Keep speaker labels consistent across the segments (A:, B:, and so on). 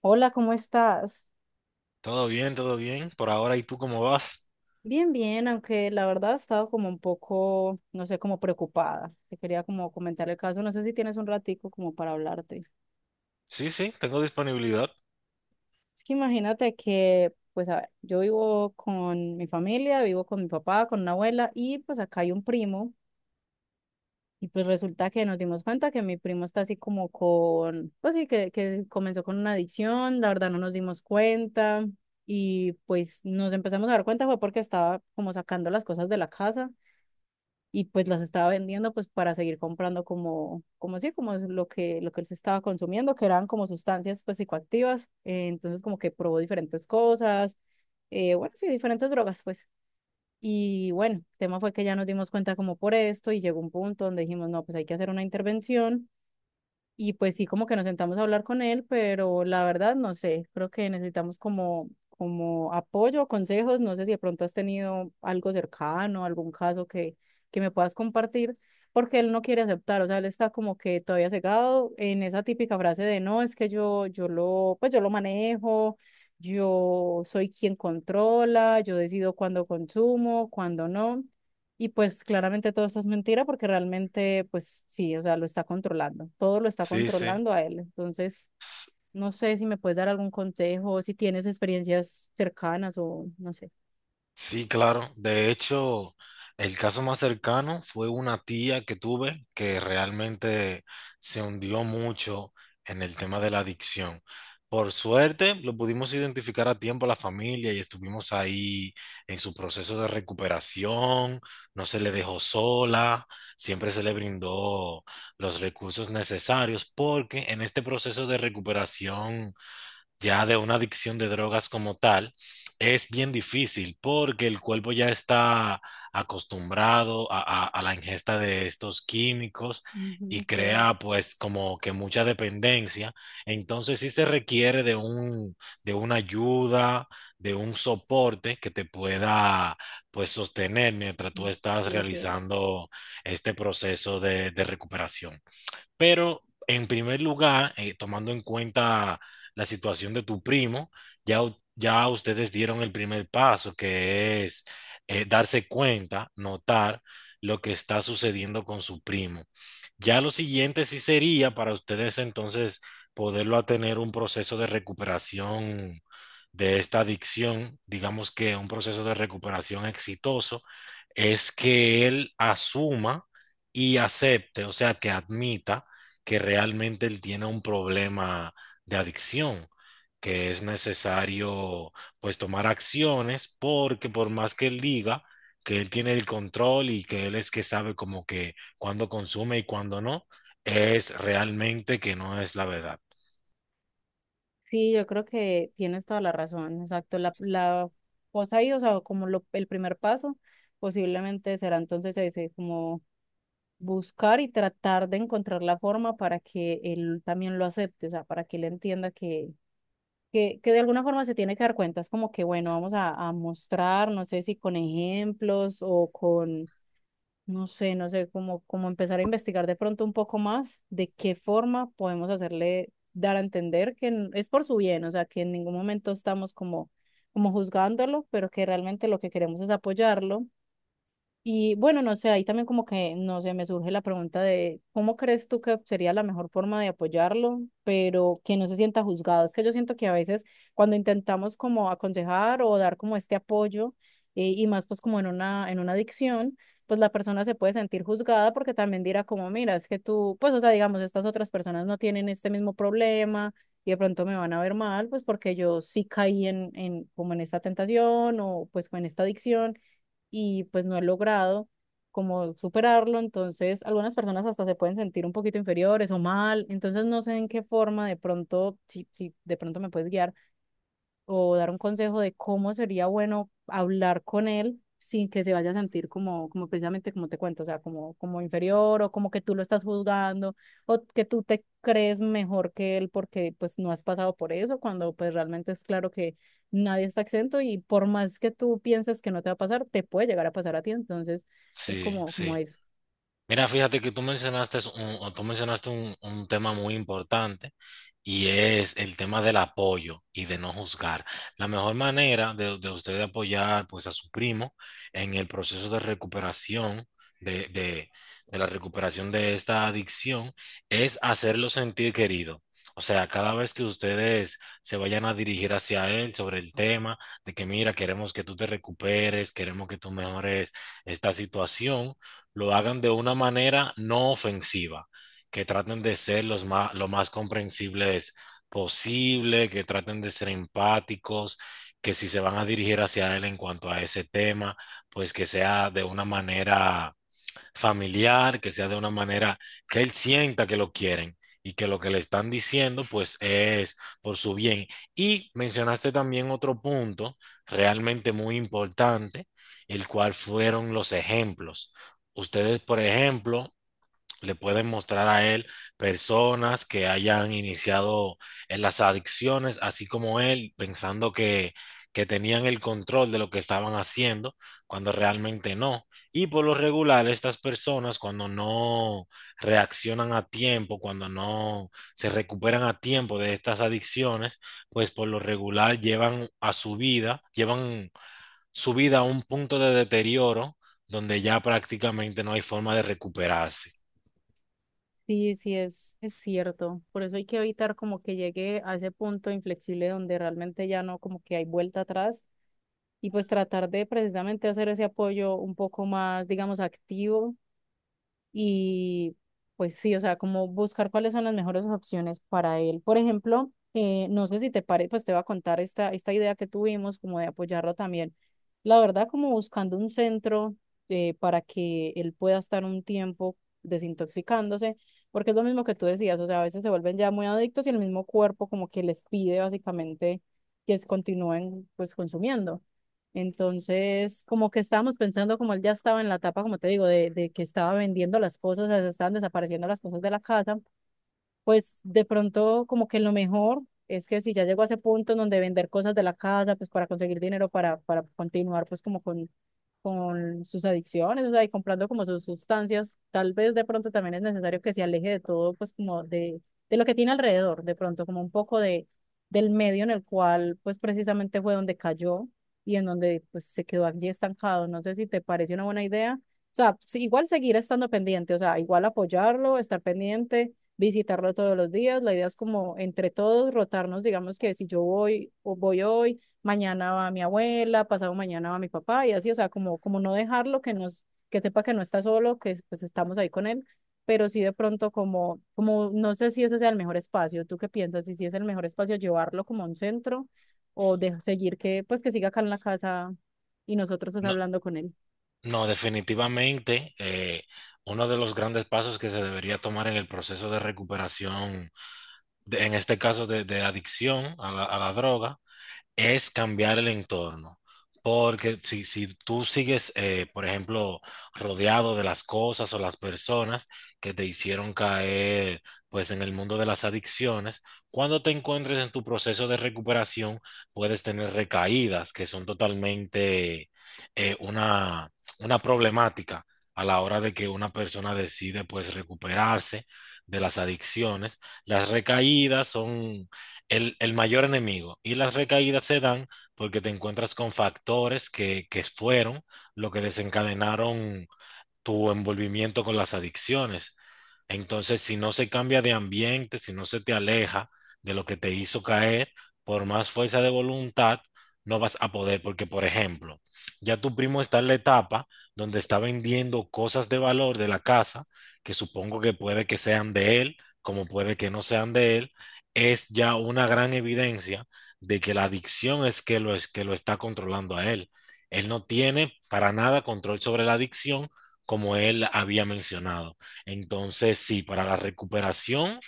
A: Hola, ¿cómo estás?
B: Todo bien, todo bien. Por ahora, ¿y tú cómo vas?
A: Bien, bien, aunque la verdad he estado como un poco, no sé, como preocupada. Te quería como comentar el caso, no sé si tienes un ratico como para hablarte.
B: Sí, sí, tengo disponibilidad.
A: Es que imagínate que, pues, a ver, yo vivo con mi familia, vivo con mi papá, con una abuela y pues acá hay un primo y pues resulta que nos dimos cuenta que mi primo está así como con, pues sí, que comenzó con una adicción, la verdad no nos dimos cuenta y pues nos empezamos a dar cuenta fue porque estaba como sacando las cosas de la casa y pues las estaba vendiendo pues para seguir comprando como, como sí, como lo que él se estaba consumiendo, que eran como sustancias pues psicoactivas, entonces como que probó diferentes cosas, bueno, sí, diferentes drogas pues. Y bueno, el tema fue que ya nos dimos cuenta como por esto y llegó un punto donde dijimos, no, pues hay que hacer una intervención y pues sí, como que nos sentamos a hablar con él, pero la verdad no sé, creo que necesitamos como, como apoyo, consejos, no sé si de pronto has tenido algo cercano, algún caso que me puedas compartir, porque él no quiere aceptar, o sea, él está como que todavía cegado en esa típica frase de no, es que yo, pues yo lo manejo, yo soy quien controla, yo decido cuándo consumo, cuándo no. Y pues claramente todo esto es mentira porque realmente, pues sí, o sea, lo está controlando, todo lo está
B: Sí, sí.
A: controlando a él. Entonces, no sé si me puedes dar algún consejo, si tienes experiencias cercanas o no sé.
B: Sí, claro. De hecho, el caso más cercano fue una tía que tuve que realmente se hundió mucho en el tema de la adicción. Por suerte, lo pudimos identificar a tiempo la familia y estuvimos ahí en su proceso de recuperación. No se le dejó sola, siempre se le brindó los recursos necesarios porque en este proceso de recuperación ya de una adicción de drogas como tal, es bien difícil porque el cuerpo ya está acostumbrado a la ingesta de estos químicos y
A: Ujú, sí es,
B: crea pues como que mucha dependencia. Entonces sí se requiere de una ayuda, de un soporte que te pueda pues sostener mientras
A: mm,
B: tú estás
A: sí es cierto.
B: realizando este proceso de recuperación. Pero en primer lugar, tomando en cuenta la situación de tu primo, ya, ya ustedes dieron el primer paso, que es darse cuenta, notar lo que está sucediendo con su primo. Ya lo siguiente sí sería para ustedes entonces poderlo a tener un proceso de recuperación de esta adicción, digamos que un proceso de recuperación exitoso, es que él asuma y acepte, o sea, que admita que realmente él tiene un problema de adicción, que es necesario pues tomar acciones porque por más que él diga que él tiene el control y que él es que sabe como que cuando consume y cuando no, es realmente que no es la verdad.
A: Sí, yo creo que tienes toda la razón, exacto. La cosa ahí, o sea, como lo, el primer paso, posiblemente será entonces ese, como buscar y tratar de encontrar la forma para que él también lo acepte, o sea, para que él entienda que de alguna forma se tiene que dar cuenta, es como que, bueno, a mostrar, no sé si con ejemplos o con, no sé, como, como empezar a investigar de pronto un poco más de qué forma podemos hacerle dar a entender que es por su bien, o sea, que en ningún momento estamos como, como juzgándolo, pero que realmente lo que queremos es apoyarlo y bueno, no sé, ahí también como que, no sé, me surge la pregunta de cómo crees tú que sería la mejor forma de apoyarlo, pero que no se sienta juzgado. Es que yo siento que a veces cuando intentamos como aconsejar o dar como este apoyo, y más pues como en una adicción, pues la persona se puede sentir juzgada porque también dirá como, mira, es que tú, pues o sea, digamos, estas otras personas no tienen este mismo problema y de pronto me van a ver mal, pues porque yo sí caí en como en esta tentación o pues en esta adicción y pues no he logrado como superarlo, entonces algunas personas hasta se pueden sentir un poquito inferiores o mal, entonces no sé en qué forma de pronto, si, si de pronto me puedes guiar o dar un consejo de cómo sería bueno hablar con él sin que se vaya a sentir como, como precisamente como te cuento, o sea, como, como inferior o como que tú lo estás juzgando o que tú te crees mejor que él porque pues no has pasado por eso, cuando pues realmente es claro que nadie está exento y por más que tú pienses que no te va a pasar, te puede llegar a pasar a ti, entonces es
B: Sí,
A: como, como
B: sí.
A: eso.
B: Mira, fíjate que tú mencionaste un tema muy importante y es el tema del apoyo y de no juzgar. La mejor manera de usted apoyar pues a su primo en el proceso de recuperación de, de, de la recuperación de esta adicción es hacerlo sentir querido. O sea, cada vez que ustedes se vayan a dirigir hacia él sobre el tema de que mira, queremos que tú te recuperes, queremos que tú mejores esta situación, lo hagan de una manera no ofensiva, que traten de ser lo más comprensibles posible, que traten de ser empáticos, que si se van a dirigir hacia él en cuanto a ese tema, pues que sea de una manera familiar, que sea de una manera que él sienta que lo quieren y que lo que le están diciendo pues es por su bien. Y mencionaste también otro punto realmente muy importante, el cual fueron los ejemplos. Ustedes, por ejemplo, le pueden mostrar a él personas que hayan iniciado en las adicciones, así como él, pensando que tenían el control de lo que estaban haciendo, cuando realmente no. Y por lo regular, estas personas cuando no reaccionan a tiempo, cuando no se recuperan a tiempo de estas adicciones, pues por lo regular llevan su vida a un punto de deterioro donde ya prácticamente no hay forma de recuperarse.
A: Sí, sí, es cierto. Por eso hay que evitar como que llegue a ese punto inflexible donde realmente ya no como que hay vuelta atrás y pues tratar de precisamente hacer ese apoyo un poco más, digamos, activo y pues sí, o sea, como buscar cuáles son las mejores opciones para él. Por ejemplo, no sé si te parece, pues te voy a contar esta idea que tuvimos como de apoyarlo también. La verdad, como buscando un centro para que él pueda estar un tiempo desintoxicándose, porque es lo mismo que tú decías, o sea, a veces se vuelven ya muy adictos y el mismo cuerpo como que les pide básicamente que se continúen pues consumiendo. Entonces, como que estábamos pensando, como él ya estaba en la etapa, como te digo, de que estaba vendiendo las cosas, o sea, se estaban desapareciendo las cosas de la casa, pues de pronto como que lo mejor es que si ya llegó a ese punto en donde vender cosas de la casa, pues para conseguir dinero para continuar pues como con sus adicciones, o sea, y comprando como sus sustancias, tal vez de pronto también es necesario que se aleje de todo, pues como de lo que tiene alrededor, de pronto como un poco de, del medio en el cual pues precisamente fue donde cayó y en donde pues se quedó allí estancado. No sé si te parece una buena idea. O sea, sí, igual seguir estando pendiente, o sea, igual apoyarlo, estar pendiente visitarlo todos los días. La idea es como entre todos rotarnos, digamos que si yo voy o voy hoy, mañana va mi abuela, pasado mañana va mi papá y así, o sea, como, como no dejarlo, que nos, que sepa que no está solo, que pues estamos ahí con él, pero sí de pronto como, como no sé si ese sea el mejor espacio. ¿Tú qué piensas? Y si es el mejor espacio llevarlo como a un centro o de seguir que pues que siga acá en la casa y nosotros pues
B: No,
A: hablando con él.
B: no, definitivamente uno de los grandes pasos que se debería tomar en el proceso de recuperación, en este caso de adicción a a la droga, es cambiar el entorno. Porque si tú sigues, por ejemplo, rodeado de las cosas o las personas que te hicieron caer, pues en el mundo de las adicciones, cuando te encuentres en tu proceso de recuperación, puedes tener recaídas que son totalmente eh, una, una problemática a la hora de que una persona decide, pues, recuperarse de las adicciones. Las recaídas son el mayor enemigo. Y las recaídas se dan porque te encuentras con factores que fueron lo que desencadenaron tu envolvimiento con las adicciones. Entonces, si no se cambia de ambiente, si no se te aleja de lo que te hizo caer, por más fuerza de voluntad, no vas a poder, porque, por ejemplo, ya tu primo está en la etapa donde está vendiendo cosas de valor de la casa, que supongo que puede que sean de él, como puede que no sean de él, es ya una gran evidencia de que la adicción es que lo está controlando a él. Él no tiene para nada control sobre la adicción como él había mencionado. Entonces, sí, para la recuperación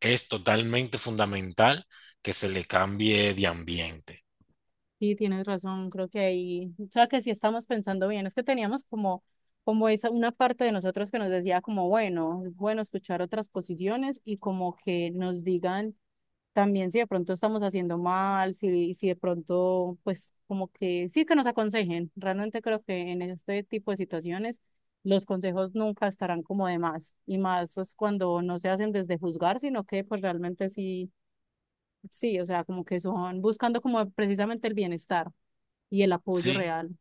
B: es totalmente fundamental que se le cambie de ambiente,
A: Sí, tienes razón, creo que ahí, o sea, que sí estamos pensando bien, es que teníamos como, como esa, una parte de nosotros que nos decía como, bueno, es bueno escuchar otras posiciones y como que nos digan también si de pronto estamos haciendo mal, si, si de pronto, pues como que sí que nos aconsejen, realmente creo que en este tipo de situaciones los consejos nunca estarán como de más, y más pues cuando no se hacen desde juzgar, sino que pues realmente sí, sí, o sea, como que son buscando como precisamente el bienestar y el apoyo
B: ¿sí?
A: real.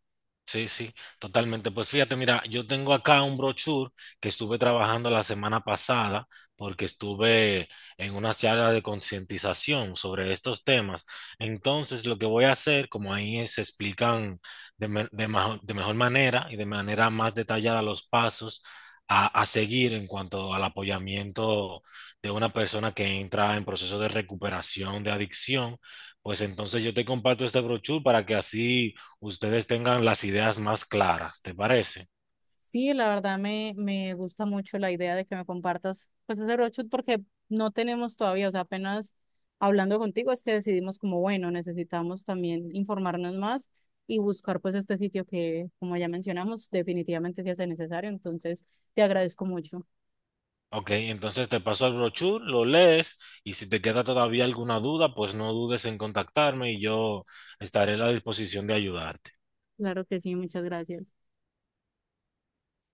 B: Sí, sí, totalmente. Pues fíjate, mira, yo tengo acá un brochure que estuve trabajando la semana pasada porque estuve en una charla de concientización sobre estos temas. Entonces, lo que voy a hacer, como ahí se explican de mejor manera y de manera más detallada los pasos a seguir en cuanto al apoyamiento de una persona que entra en proceso de recuperación de adicción, pues entonces yo te comparto este brochure para que así ustedes tengan las ideas más claras, ¿te parece?
A: Sí, la verdad me gusta mucho la idea de que me compartas pues ese roadshoot porque no tenemos todavía, o sea, apenas hablando contigo es que decidimos como, bueno, necesitamos también informarnos más y buscar pues este sitio que, como ya mencionamos, definitivamente se hace necesario. Entonces, te agradezco mucho.
B: Ok, entonces te paso el brochure, lo lees y si te queda todavía alguna duda, pues no dudes en contactarme y yo estaré a la disposición de ayudarte.
A: Claro que sí, muchas gracias.